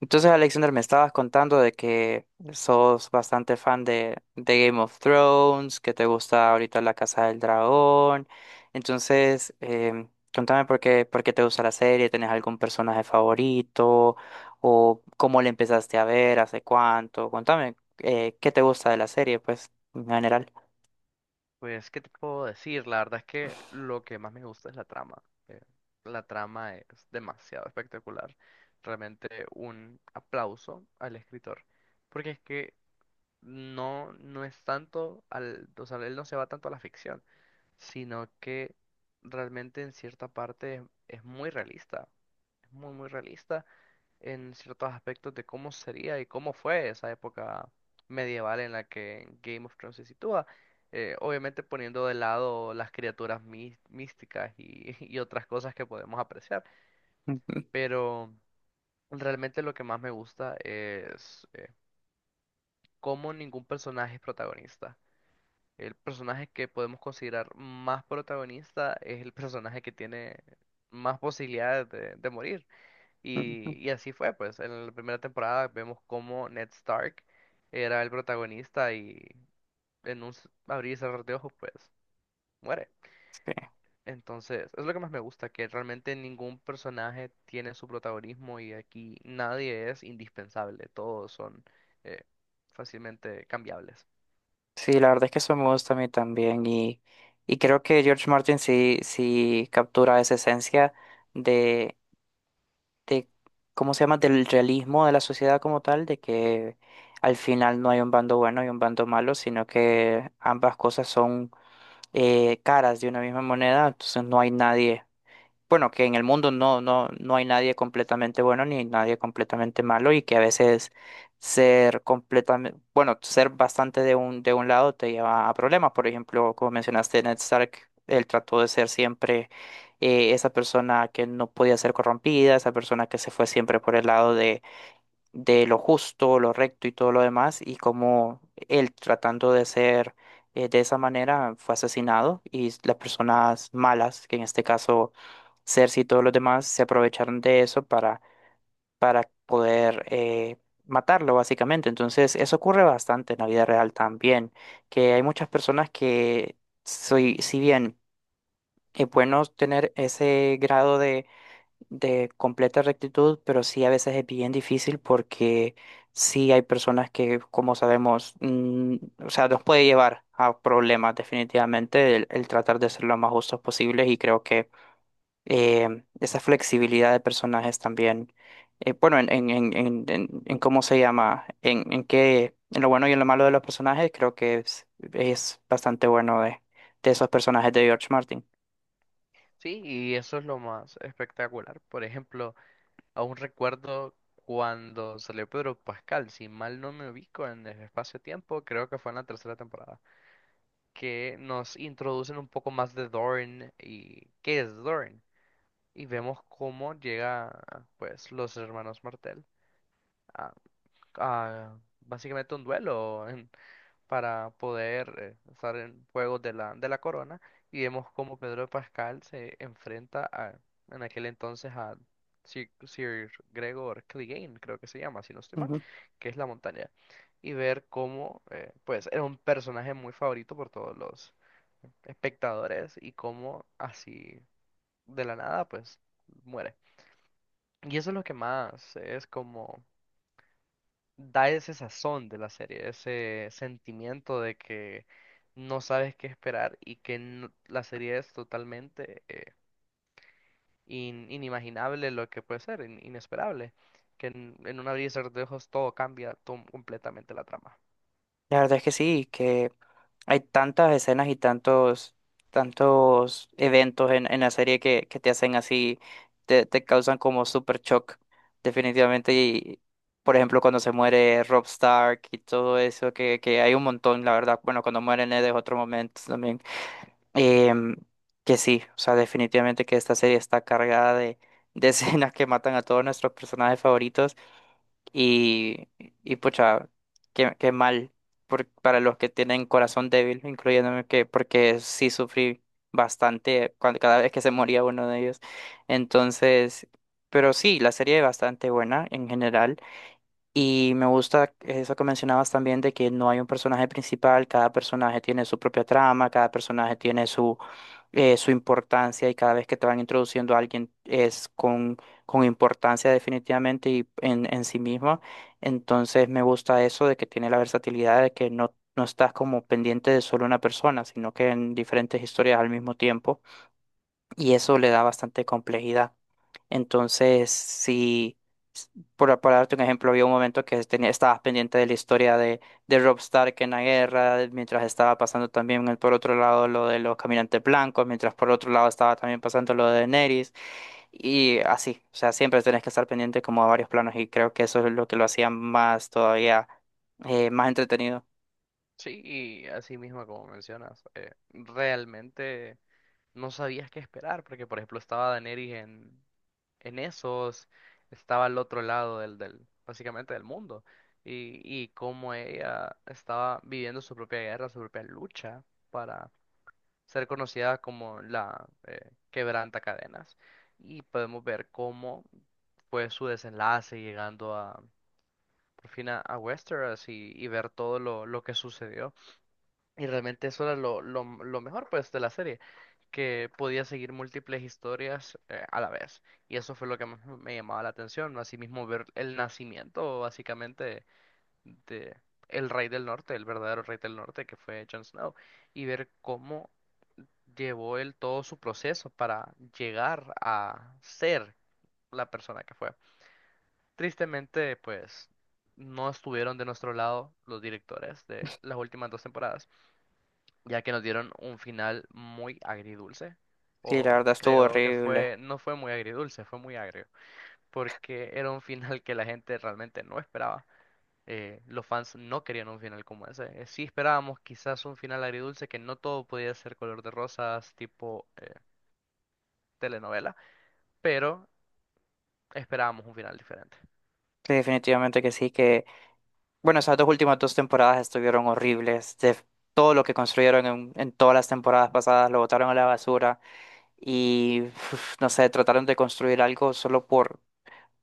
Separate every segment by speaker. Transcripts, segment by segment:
Speaker 1: Entonces, Alexander, me estabas contando de que sos bastante fan de Game of Thrones, que te gusta ahorita La Casa del Dragón. Entonces, em, Contame por qué te gusta la serie. ¿Tenés algún personaje favorito? ¿O cómo le empezaste a ver? ¿Hace cuánto? Contame, ¿qué te gusta de la serie, pues, en general?
Speaker 2: Pues, ¿qué te puedo decir? La verdad es que lo que más me gusta es la trama. eh, la trama es demasiado espectacular. Realmente un aplauso al escritor. Porque es que no, no es tanto al, o sea, él no se va tanto a la ficción, sino que realmente en cierta parte es muy realista. Es muy, muy realista en ciertos aspectos de cómo sería y cómo fue esa época medieval en la que Game of Thrones se sitúa. Obviamente poniendo de lado las criaturas místicas y, y otras cosas que podemos apreciar.
Speaker 1: Ujú,
Speaker 2: Pero realmente lo que más me gusta es cómo ningún personaje es protagonista. El personaje que podemos considerar más protagonista es el personaje que tiene más posibilidades de morir.
Speaker 1: ujú.
Speaker 2: Y así fue, pues, en la primera temporada vemos cómo Ned Stark era el protagonista y en un abrir y cerrar de ojos, pues, muere.
Speaker 1: Sí,
Speaker 2: Entonces, es lo que más me gusta, que realmente ningún personaje tiene su protagonismo y aquí nadie es indispensable, todos son eh, fácilmente cambiables.
Speaker 1: sí, la verdad es que eso me gusta a mí también, y creo que George Martin sí captura esa esencia de de, ¿cómo se llama? Del realismo de la sociedad como tal, de que al final no hay un bando bueno y un bando malo, sino que ambas cosas son caras de una misma moneda. Entonces no hay nadie bueno, que en el mundo no hay nadie completamente bueno ni nadie completamente malo, y que a veces ser completamente, bueno, ser bastante de un lado te lleva a problemas. Por ejemplo, como mencionaste, Ned Stark, él trató de ser siempre esa persona que no podía ser corrompida, esa persona que se fue siempre por el lado de lo justo, lo recto y todo lo demás, y como él tratando de ser de esa manera fue asesinado, y las personas malas, que en este caso Cersei y todos los demás, se aprovecharon de eso para poder matarlo básicamente. Entonces eso ocurre bastante en la vida real también, que hay muchas personas que, soy, si bien es bueno tener ese grado de completa rectitud, pero sí a veces es bien difícil porque sí hay personas que, como sabemos, o sea, nos puede llevar a problemas definitivamente el tratar de ser lo más justos posibles. Y creo que esa flexibilidad de personajes también, bueno, en cómo se llama, en lo bueno y en lo malo de los personajes, creo que es bastante bueno de esos personajes de George Martin.
Speaker 2: Sí, y eso es lo más espectacular. Por ejemplo, aún recuerdo cuando salió Pedro Pascal, si mal no me ubico en el espacio-tiempo, creo que fue en la tercera temporada, que nos introducen un poco más de Doran y qué es Doran. Y vemos cómo llega, pues, los hermanos Martell a, a básicamente un duelo para poder estar en juegos de la corona. Y vemos cómo Pedro de Pascal se enfrenta a, en aquel entonces a Sir Gregor Clegane, creo que se llama, si no estoy mal,
Speaker 1: Ujú.
Speaker 2: que es la montaña. Y ver cómo, pues, era un personaje muy favorito por todos los espectadores y cómo así de la nada pues muere. Y eso es lo que más es como da ese sazón de la serie, ese sentimiento de que no sabes qué esperar y que la serie es totalmente inimaginable lo que puede ser, inesperable, que en un abrir y cerrar de ojos todo cambia completamente la trama.
Speaker 1: La verdad es que sí, que hay tantas escenas y tantos, tantos eventos en la serie que te hacen así, te causan como super shock, definitivamente. Y, por ejemplo, cuando se muere Rob Stark y todo eso, que hay un montón, la verdad. Bueno, cuando muere Ned es otro momento también. Em, que sí, o sea, definitivamente que esta serie está cargada de escenas que matan a todos nuestros personajes favoritos. Y, y pucha, qué, qué mal para los que tienen corazón débil, incluyéndome, que porque sí sufrí bastante cuando, cada vez que se moría uno de ellos. Entonces, pero sí, la serie es bastante buena en general. Y me gusta eso que mencionabas también de que no hay un personaje principal, cada personaje tiene su propia trama, cada personaje tiene su, su importancia, y cada vez que te van introduciendo a alguien es con importancia definitivamente y en sí mismo. Entonces me gusta eso de que tiene la versatilidad de que no estás como pendiente de solo una persona, sino que en diferentes historias al mismo tiempo, y eso le da bastante complejidad. Entonces, si, s- por darte un ejemplo, había un momento que tenía, estabas pendiente de la historia de Robb Stark en la guerra, mientras estaba pasando también por otro lado lo de los caminantes blancos, mientras por otro lado estaba también pasando lo de Daenerys, y así, o sea, siempre tenés que estar pendiente como a varios planos, y creo que eso es lo que lo hacía más todavía, más entretenido.
Speaker 2: Sí, y así mismo como mencionas, realmente no sabías qué esperar, porque por ejemplo estaba Daenerys en, en esos, estaba al otro lado del, del, básicamente del mundo, y cómo ella estaba viviendo su propia guerra, su propia lucha para ser conocida como la quebranta cadenas, y podemos ver cómo fue su desenlace llegando a, por fin a Westeros y ver todo lo que sucedió. Y realmente eso era lo mejor pues de la serie, que podía seguir múltiples historias a la vez. Y eso fue lo que más me llamaba la atención, ¿no? Asimismo ver el nacimiento básicamente de el rey del norte, el verdadero rey del norte que fue Jon Snow, y ver cómo llevó él todo su proceso para llegar a ser la persona que fue. Tristemente, pues no estuvieron de nuestro lado los directores de las últimas dos temporadas ya que nos dieron un final muy agridulce.
Speaker 1: Sí, la
Speaker 2: O
Speaker 1: verdad estuvo
Speaker 2: creo que
Speaker 1: horrible.
Speaker 2: fue, no fue muy agridulce, fue muy agrio, porque era un final que la gente realmente no esperaba. Los fans no querían un final como ese. Sí esperábamos quizás un final agridulce, que no todo podía ser color de rosas, tipo telenovela, pero esperábamos un final diferente.
Speaker 1: Sí, definitivamente que sí. Bueno, esas dos últimas dos temporadas estuvieron horribles. De todo lo que construyeron en todas las temporadas pasadas lo botaron a la basura, y uf, no sé, trataron de construir algo solo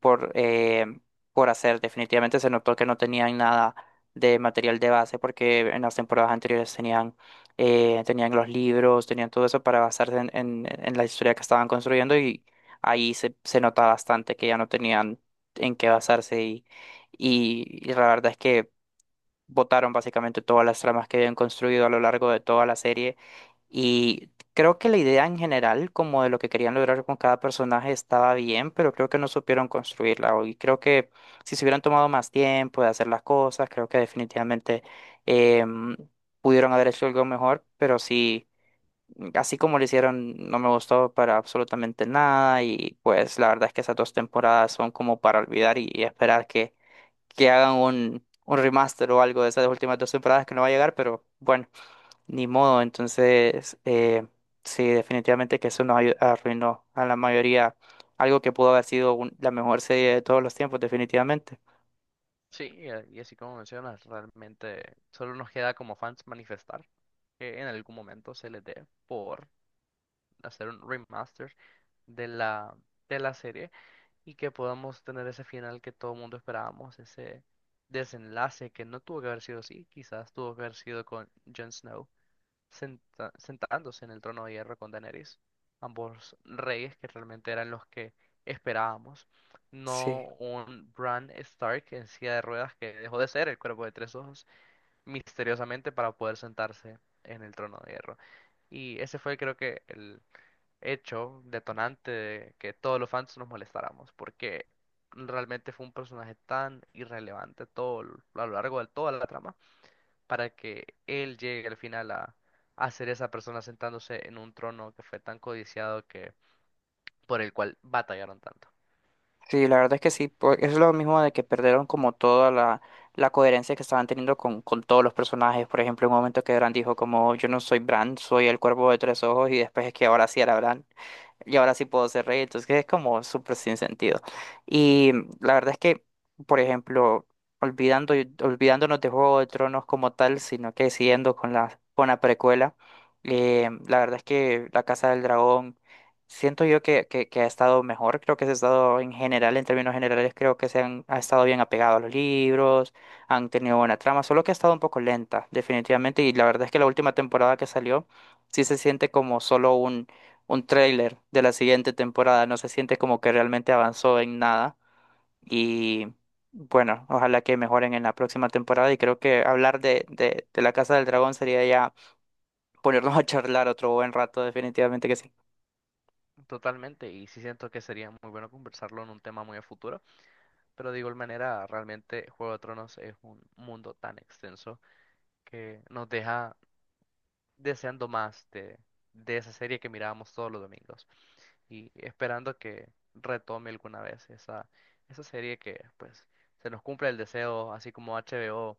Speaker 1: por eh, por hacer. Definitivamente se notó que no tenían nada de material de base, porque en las temporadas anteriores tenían tenían los libros, tenían todo eso para basarse en la historia que estaban construyendo, y ahí se, se nota bastante que ya no tenían en qué basarse, y, y la verdad es que botaron básicamente todas las tramas que habían construido a lo largo de toda la serie. Y creo que la idea en general, como de lo que querían lograr con cada personaje, estaba bien, pero creo que no supieron construirla. Y creo que si se hubieran tomado más tiempo de hacer las cosas, creo que definitivamente em, pudieron haber hecho algo mejor, pero sí. Así como lo hicieron, no me gustó para absolutamente nada, y pues la verdad es que esas dos temporadas son como para olvidar, y esperar que hagan un remaster o algo de esas últimas dos temporadas, que no va a llegar, pero bueno, ni modo. Entonces, sí, definitivamente que eso nos arruinó a la mayoría algo que pudo haber sido la mejor serie de todos los tiempos, definitivamente.
Speaker 2: Sí, y así como mencionas, realmente solo nos queda como fans manifestar que en algún momento se les dé por hacer un remaster de la, de la serie y que podamos tener ese final que todo el mundo esperábamos, ese desenlace que no tuvo que haber sido así, quizás tuvo que haber sido con Jon Snow sentándose en el trono de hierro con Daenerys, ambos reyes que realmente eran los que esperábamos,
Speaker 1: Sí,
Speaker 2: no un Bran Stark en silla de ruedas que dejó de ser el cuerpo de tres ojos misteriosamente para poder sentarse en el trono de hierro. Y ese fue creo que el hecho detonante de que todos los fans nos molestáramos, porque realmente fue un personaje tan irrelevante todo a lo largo de toda la trama, para que él llegue al final a ser esa persona sentándose en un trono que fue tan codiciado que por el cual batallaron tanto.
Speaker 1: sí, la verdad es que sí, es lo mismo de que perdieron como toda la, la coherencia que estaban teniendo con todos los personajes. Por ejemplo, en un momento que Bran dijo como yo no soy Bran, soy el cuervo de tres ojos, y después es que ahora sí era Bran, y ahora sí puedo hacer reír. Entonces es como súper sin sentido. Y la verdad es que, por ejemplo, olvidándonos de Juego de Tronos como tal, sino que siguiendo con la precuela, la verdad es que La Casa del Dragón, siento yo que ha estado mejor, creo que se ha estado en general, en términos generales, creo que se han ha estado bien apegado a los libros, han tenido buena trama, solo que ha estado un poco lenta, definitivamente, y la verdad es que la última temporada que salió, sí se siente como solo un tráiler de la siguiente temporada. No se siente como que realmente avanzó en nada. Y bueno, ojalá que mejoren en la próxima temporada. Y creo que hablar de la Casa del Dragón sería ya ponernos a charlar otro buen rato, definitivamente que sí.
Speaker 2: Totalmente, y sí siento que sería muy bueno conversarlo en un tema muy a futuro, pero de igual manera, realmente Juego de Tronos es un mundo tan extenso que nos deja deseando más de esa serie que mirábamos todos los domingos y esperando que retome alguna vez esa, esa serie que pues se nos cumpla el deseo, así como HBO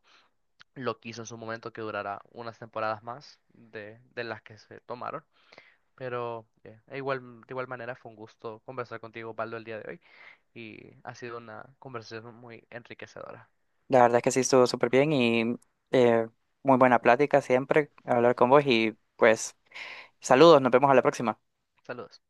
Speaker 2: lo quiso en su momento que durará unas temporadas más de las que se tomaron. Pero e igual, de igual manera fue un gusto conversar contigo, Baldo, el día de hoy y ha sido una conversación muy enriquecedora.
Speaker 1: La verdad es que sí estuvo súper bien y eh, muy buena plática siempre hablar con vos. Y pues saludos, nos vemos a la próxima.
Speaker 2: Saludos.